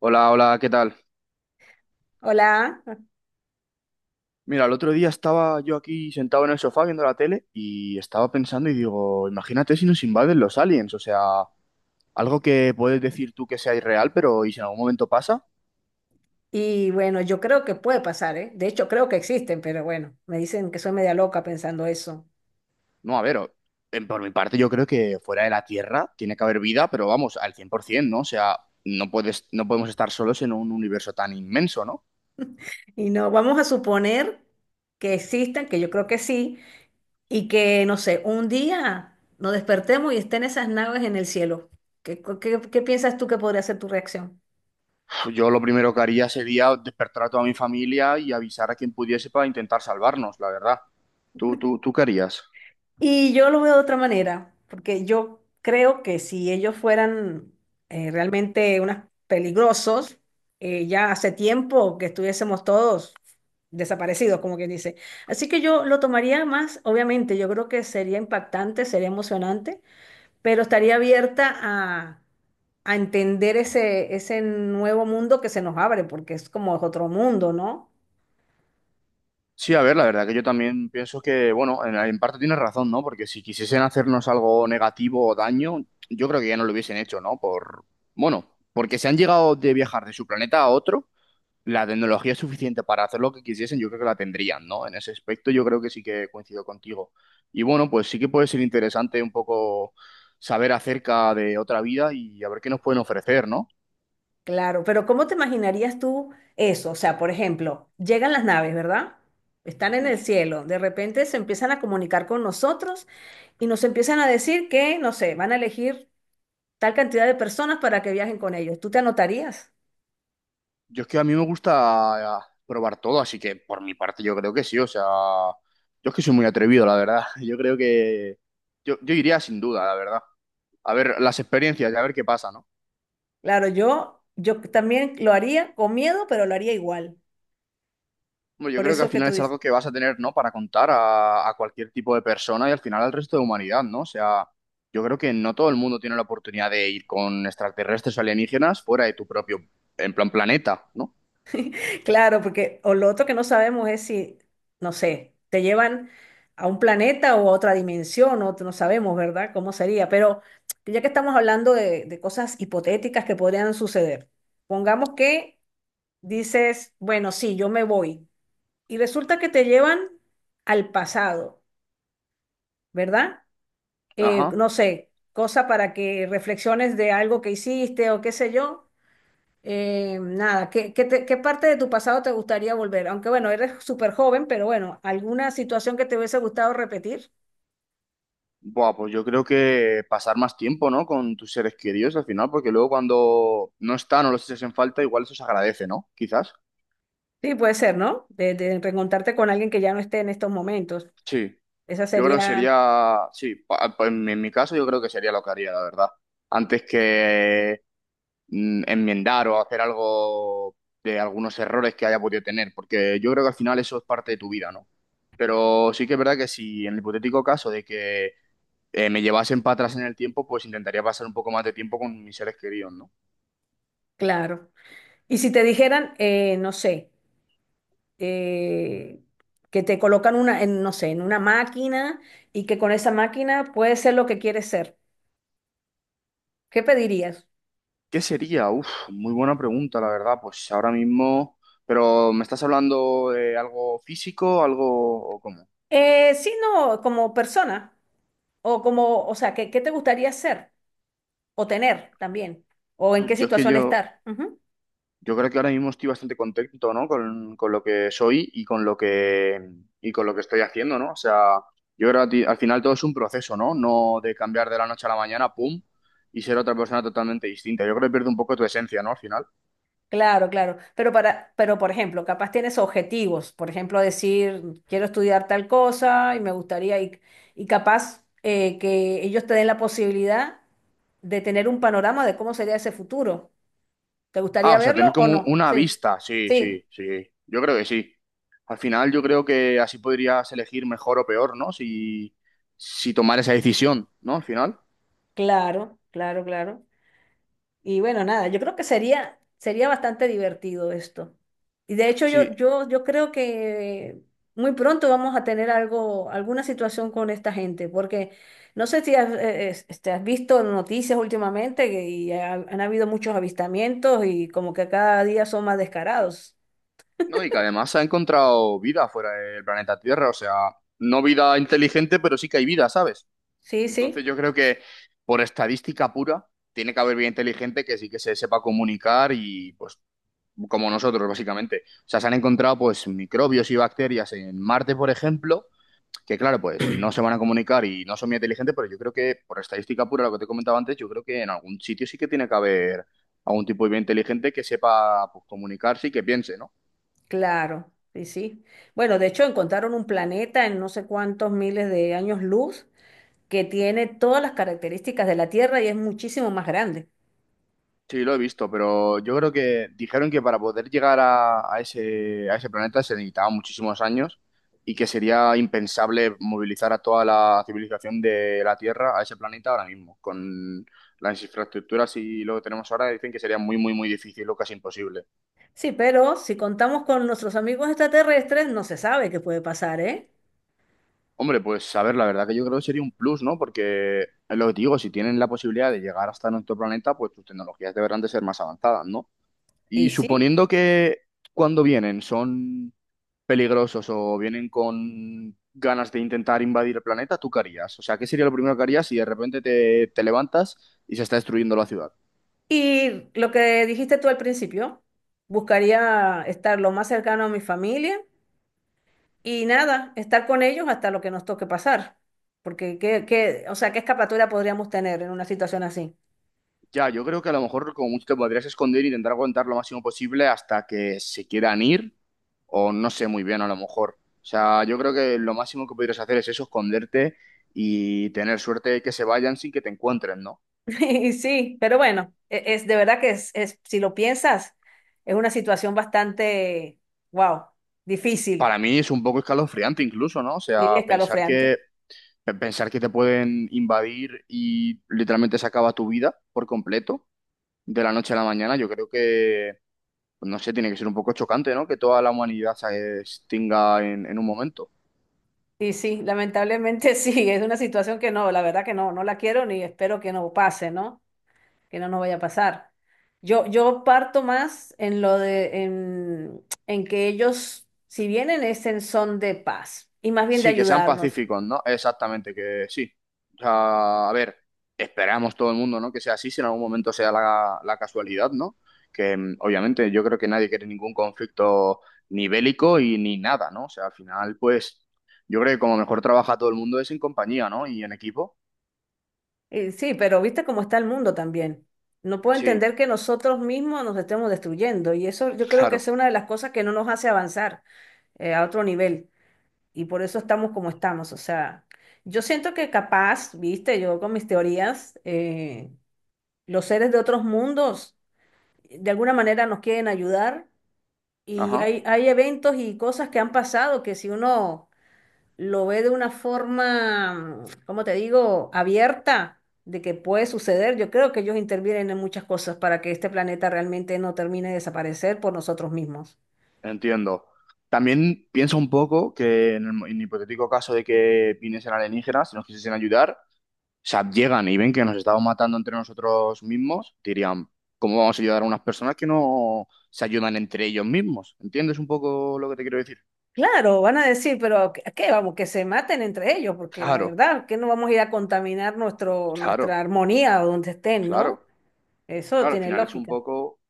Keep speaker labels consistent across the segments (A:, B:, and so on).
A: Hola, hola, ¿qué tal?
B: Hola,
A: Mira, el otro día estaba yo aquí sentado en el sofá viendo la tele y estaba pensando y digo, imagínate si nos invaden los aliens, o sea, algo que puedes decir tú que sea irreal, pero ¿y si en algún momento pasa?
B: y bueno, yo creo que puede pasar, ¿eh? De hecho, creo que existen, pero bueno, me dicen que soy media loca pensando eso.
A: No, a ver, por mi parte yo creo que fuera de la Tierra tiene que haber vida, pero vamos, al 100%, ¿no? O sea, no podemos estar solos en un universo tan inmenso, ¿no?
B: Y no, vamos a suponer que existan, que yo creo que sí, y que, no sé, un día nos despertemos y estén esas naves en el cielo. ¿Qué piensas tú que podría ser tu reacción?
A: Pues yo lo primero que haría sería despertar a toda mi familia y avisar a quien pudiese para intentar salvarnos, la verdad. ¿Tú qué harías?
B: Y yo lo veo de otra manera, porque yo creo que si ellos fueran realmente unos peligrosos, ya hace tiempo que estuviésemos todos desaparecidos, como quien dice. Así que yo lo tomaría más, obviamente, yo creo que sería impactante, sería emocionante, pero estaría abierta a entender ese nuevo mundo que se nos abre, porque es como otro mundo, ¿no?
A: Sí, a ver, la verdad que yo también pienso que, bueno, en parte tienes razón, ¿no? Porque si quisiesen hacernos algo negativo o daño, yo creo que ya no lo hubiesen hecho, ¿no? Por, bueno, porque se han llegado de viajar de su planeta a otro, la tecnología es suficiente para hacer lo que quisiesen, yo creo que la tendrían, ¿no? En ese aspecto yo creo que sí que coincido contigo. Y bueno, pues sí que puede ser interesante un poco saber acerca de otra vida y a ver qué nos pueden ofrecer, ¿no?
B: Claro, pero ¿cómo te imaginarías tú eso? O sea, por ejemplo, llegan las naves, ¿verdad? Están en
A: Ujú.
B: el cielo, de repente se empiezan a comunicar con nosotros y nos empiezan a decir que, no sé, van a elegir tal cantidad de personas para que viajen con ellos. ¿Tú te anotarías?
A: Yo es que a mí me gusta probar todo, así que por mi parte yo creo que sí, o sea, yo es que soy muy atrevido, la verdad. Yo creo que yo iría sin duda, la verdad. A ver las experiencias y a ver qué pasa, ¿no?
B: Claro, yo también lo haría con miedo, pero lo haría igual.
A: Hombre, yo
B: Por
A: creo que al
B: eso que
A: final
B: tú
A: es
B: dices.
A: algo que vas a tener, ¿no? Para contar a cualquier tipo de persona y al final al resto de humanidad, ¿no? O sea, yo creo que no todo el mundo tiene la oportunidad de ir con extraterrestres o alienígenas fuera de tu propio, en plan, planeta, ¿no?
B: Claro, porque o lo otro que no sabemos es si, no sé, te llevan a un planeta o a otra dimensión, o no sabemos, ¿verdad? ¿Cómo sería? Pero ya que estamos hablando de cosas hipotéticas que podrían suceder, pongamos que dices, bueno, sí, yo me voy, y resulta que te llevan al pasado, ¿verdad?
A: Ajá.
B: No sé, cosa para que reflexiones de algo que hiciste o qué sé yo, nada, ¿qué parte de tu pasado te gustaría volver? Aunque bueno, eres súper joven, pero bueno, ¿alguna situación que te hubiese gustado repetir?
A: Buah, pues yo creo que pasar más tiempo, ¿no? Con tus seres queridos al final, porque luego cuando no están o los echas en falta, igual eso se agradece, ¿no? Quizás.
B: Sí, puede ser, ¿no? De reencontrarte con alguien que ya no esté en estos momentos.
A: Sí,
B: Esa
A: yo creo que
B: sería,
A: sería, sí, en mi caso yo creo que sería lo que haría, la verdad. Antes que enmendar o hacer algo de algunos errores que haya podido tener, porque yo creo que al final eso es parte de tu vida, ¿no? Pero sí que es verdad que si en el hipotético caso de que me llevasen para atrás en el tiempo, pues intentaría pasar un poco más de tiempo con mis seres queridos, ¿no?
B: claro. Y si te dijeran, no sé, eh, que te colocan una, en, no sé, en una máquina y que con esa máquina puedes ser lo que quieres ser, ¿qué pedirías?
A: ¿Qué sería? Uf, muy buena pregunta, la verdad. Pues ahora mismo, pero ¿me estás hablando de algo físico, algo o cómo?
B: Sí, no, como persona, o como, o sea, ¿qué te gustaría ser? O tener también. O en
A: Uf,
B: qué situación estar. Ujú.
A: Yo creo que ahora mismo estoy bastante contento, ¿no? Con lo que soy y con lo que estoy haciendo, ¿no? O sea, yo creo que al final todo es un proceso, ¿no? No de cambiar de la noche a la mañana, pum, y ser otra persona totalmente distinta. Yo creo que pierde un poco tu esencia, ¿no? Al final.
B: Claro, claro. Pero para, pero por ejemplo, capaz tienes objetivos. Por ejemplo, decir, quiero estudiar tal cosa y me gustaría, y capaz que ellos te den la posibilidad de tener un panorama de cómo sería ese futuro. ¿Te
A: Ah,
B: gustaría
A: o sea, tener
B: verlo o
A: como
B: no?
A: una
B: Sí.
A: vista. Sí,
B: Sí,
A: sí, sí. Yo creo que sí. Al final yo creo que así podrías elegir mejor o peor, ¿no? Si, si tomar esa decisión, ¿no? Al final.
B: claro, claro, claro. Y bueno, nada, yo creo que sería, sería bastante divertido esto. Y de hecho yo,
A: Sí.
B: yo, yo creo que muy pronto vamos a tener algo, alguna situación con esta gente, porque no sé si has, este, has visto noticias últimamente han habido muchos avistamientos y como que cada día son más descarados.
A: No, y que además se ha encontrado vida fuera del planeta Tierra. O sea, no vida inteligente, pero sí que hay vida, ¿sabes?
B: Sí, sí,
A: Entonces yo creo que por estadística pura, tiene que haber vida inteligente que sí que se sepa comunicar y pues como nosotros, básicamente. O sea, se han encontrado pues microbios y bacterias en Marte, por ejemplo que claro, pues no se van a comunicar y no son muy inteligentes, pero yo creo que por estadística pura, lo que te comentaba antes, yo creo que en algún sitio sí que tiene que haber algún tipo de vida inteligente que sepa pues, comunicarse y que piense, ¿no?
B: claro, sí, sí. Bueno, de hecho encontraron un planeta en no sé cuántos miles de años luz que tiene todas las características de la Tierra y es muchísimo más grande.
A: Sí, lo he visto, pero yo creo que dijeron que para poder llegar a ese planeta se necesitaban muchísimos años y que sería impensable movilizar a toda la civilización de la Tierra a ese planeta ahora mismo. Con las infraestructuras y lo que tenemos ahora, dicen que sería muy, muy, muy difícil o casi imposible.
B: Sí, pero si contamos con nuestros amigos extraterrestres, no se sabe qué puede pasar, ¿eh?
A: Hombre, pues a ver, la verdad que yo creo que sería un plus, ¿no? Porque es lo que te digo, si tienen la posibilidad de llegar hasta nuestro planeta, pues sus tecnologías deberán de ser más avanzadas, ¿no?
B: Y
A: Y
B: sí.
A: suponiendo que cuando vienen son peligrosos o vienen con ganas de intentar invadir el planeta, ¿tú qué harías? O sea, ¿qué sería lo primero que harías si de repente te levantas y se está destruyendo la ciudad?
B: Y lo que dijiste tú al principio, buscaría estar lo más cercano a mi familia y nada, estar con ellos hasta lo que nos toque pasar. Porque, o sea, ¿qué escapatoria podríamos tener en una situación así?
A: Ya, yo creo que a lo mejor como mucho te podrías esconder e intentar aguantar lo máximo posible hasta que se quieran ir, o no sé muy bien, a lo mejor. O sea, yo creo que lo máximo que podrías hacer es eso, esconderte y tener suerte de que se vayan sin que te encuentren, ¿no?
B: Y sí, pero bueno, es, de verdad que si lo piensas, es una situación bastante, wow, difícil
A: Para mí es un poco escalofriante incluso, ¿no? O
B: y
A: sea, pensar
B: escalofriante.
A: que, pensar que te pueden invadir y literalmente se acaba tu vida por completo de la noche a la mañana, yo creo que, no sé, tiene que ser un poco chocante, ¿no? Que toda la humanidad se extinga en un momento.
B: Y sí, lamentablemente sí, es una situación que no, la verdad que no, no la quiero ni espero que no pase, ¿no? Que no nos vaya a pasar. Yo parto más en lo en que ellos, si vienen, es en son de paz y más bien de
A: Sí, que sean
B: ayudarnos.
A: pacíficos, ¿no? Exactamente, que sí. O sea, a ver, esperamos todo el mundo, ¿no? Que sea así, si en algún momento sea la casualidad, ¿no? Que obviamente yo creo que nadie quiere ningún conflicto ni bélico y ni nada, ¿no? O sea, al final, pues, yo creo que como mejor trabaja todo el mundo es en compañía, ¿no? Y en equipo.
B: Y sí, pero viste cómo está el mundo también. No puedo
A: Sí,
B: entender que nosotros mismos nos estemos destruyendo y eso yo creo que es
A: claro.
B: una de las cosas que no nos hace avanzar a otro nivel. Y por eso estamos como estamos. O sea, yo siento que capaz, viste, yo con mis teorías, los seres de otros mundos de alguna manera nos quieren ayudar y
A: Ajá,
B: hay eventos y cosas que han pasado que si uno lo ve de una forma, mm, ¿cómo te digo?, abierta de que puede suceder, yo creo que ellos intervienen en muchas cosas para que este planeta realmente no termine de desaparecer por nosotros mismos.
A: entiendo. También pienso un poco que en el hipotético caso de que viniesen alienígenas y nos quisiesen ayudar. O sea, llegan y ven que nos estamos matando entre nosotros mismos, dirían, ¿cómo vamos a ayudar a unas personas que no se ayudan entre ellos mismos? ¿Entiendes un poco lo que te quiero decir?
B: Claro, van a decir, pero ¿a qué vamos? Que se maten entre ellos, porque la
A: Claro,
B: verdad que no vamos a ir a contaminar nuestro, nuestra
A: claro,
B: armonía o donde estén, ¿no?
A: claro,
B: Eso
A: claro, al
B: tiene
A: final es un
B: lógica.
A: poco, o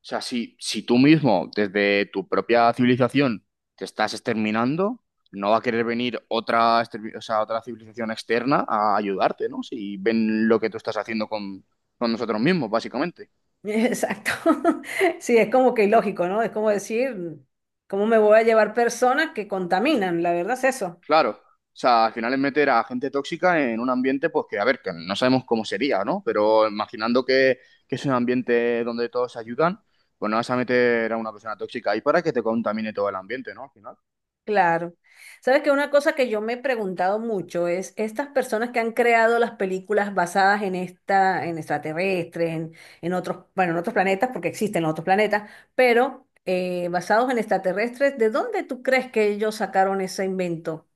A: sea, si tú mismo, desde tu propia civilización, te estás exterminando, no va a querer venir otra, o sea, otra civilización externa a ayudarte, ¿no? Si ven lo que tú estás haciendo con nosotros mismos, básicamente.
B: Exacto. Sí, es como que ilógico, ¿no? Es como decir, ¿cómo me voy a llevar personas que contaminan? La verdad es eso.
A: Claro, o sea, al final es meter a gente tóxica en un ambiente, pues que, a ver, que no sabemos cómo sería, ¿no? Pero imaginando que es un ambiente donde todos se ayudan, pues no vas a meter a una persona tóxica ahí para que te contamine todo el ambiente, ¿no? Al final.
B: Claro. Sabes que una cosa que yo me he preguntado mucho es estas personas que han creado las películas basadas en esta, en extraterrestres, en otros, bueno, en otros planetas, porque existen los otros planetas, pero basados en extraterrestres, ¿de dónde tú crees que ellos sacaron ese invento?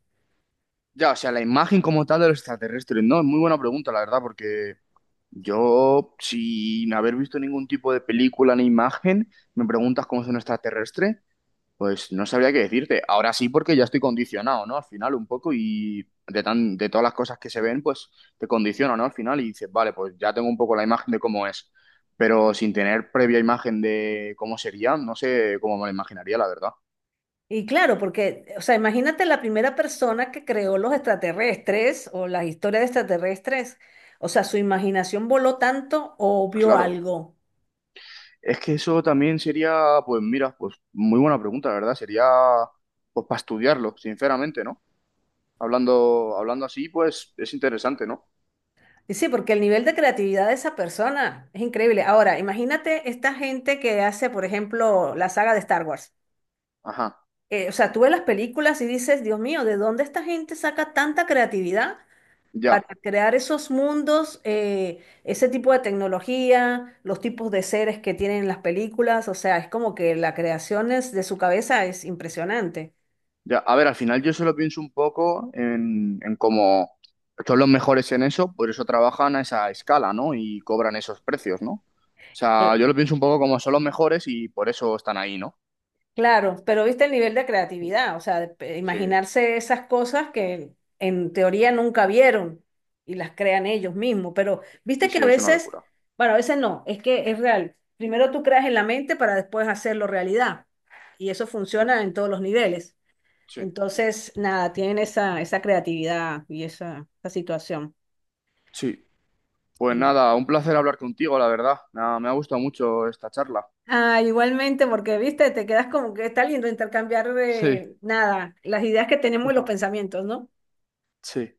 A: Ya, o sea, la imagen como tal de los extraterrestres, ¿no? Es muy buena pregunta, la verdad, porque yo, sin haber visto ningún tipo de película ni imagen, me preguntas cómo es un extraterrestre. Pues no sabría qué decirte. Ahora sí, porque ya estoy condicionado, ¿no? Al final un poco de todas las cosas que se ven, pues te condiciona, ¿no? Al final y dices, vale, pues ya tengo un poco la imagen de cómo es, pero sin tener previa imagen de cómo sería, no sé cómo me lo imaginaría, la verdad.
B: Y claro, porque, o sea, imagínate la primera persona que creó los extraterrestres o las historias de extraterrestres, o sea, su imaginación voló tanto o vio
A: Claro.
B: algo.
A: Es que eso también sería, pues mira, pues muy buena pregunta, la verdad. Sería, pues para estudiarlo, sinceramente, ¿no? Hablando así, pues es interesante, ¿no?
B: Y sí, porque el nivel de creatividad de esa persona es increíble. Ahora, imagínate esta gente que hace, por ejemplo, la saga de Star Wars.
A: Ajá,
B: O sea, tú ves las películas y dices, Dios mío, ¿de dónde esta gente saca tanta creatividad para
A: ya.
B: crear esos mundos, ese tipo de tecnología, los tipos de seres que tienen las películas? O sea, es como que de su cabeza es impresionante.
A: Ya, a ver, al final yo solo pienso un poco en cómo son los mejores en eso, por eso trabajan a esa escala, ¿no? Y cobran esos precios, ¿no? O sea,
B: Cl-
A: yo lo pienso un poco como son los mejores y por eso están ahí, ¿no?
B: Claro, pero viste el nivel de creatividad, o sea, de
A: Sí,
B: imaginarse esas cosas que en teoría nunca vieron y las crean ellos mismos, pero
A: sí,
B: viste que
A: sí,
B: a
A: es una
B: veces,
A: locura.
B: bueno, a veces no, es que es real. Primero tú creas en la mente para después hacerlo realidad y eso funciona en todos los niveles.
A: Sí,
B: Entonces, nada, tienen esa creatividad y esa situación.
A: sí. Pues
B: Y,
A: nada, un placer hablar contigo, la verdad. Nada, me ha gustado mucho esta charla.
B: ah, igualmente, porque viste, te quedas como que está lindo intercambiar,
A: Sí,
B: nada, las ideas que tenemos y los pensamientos, ¿no?
A: sí.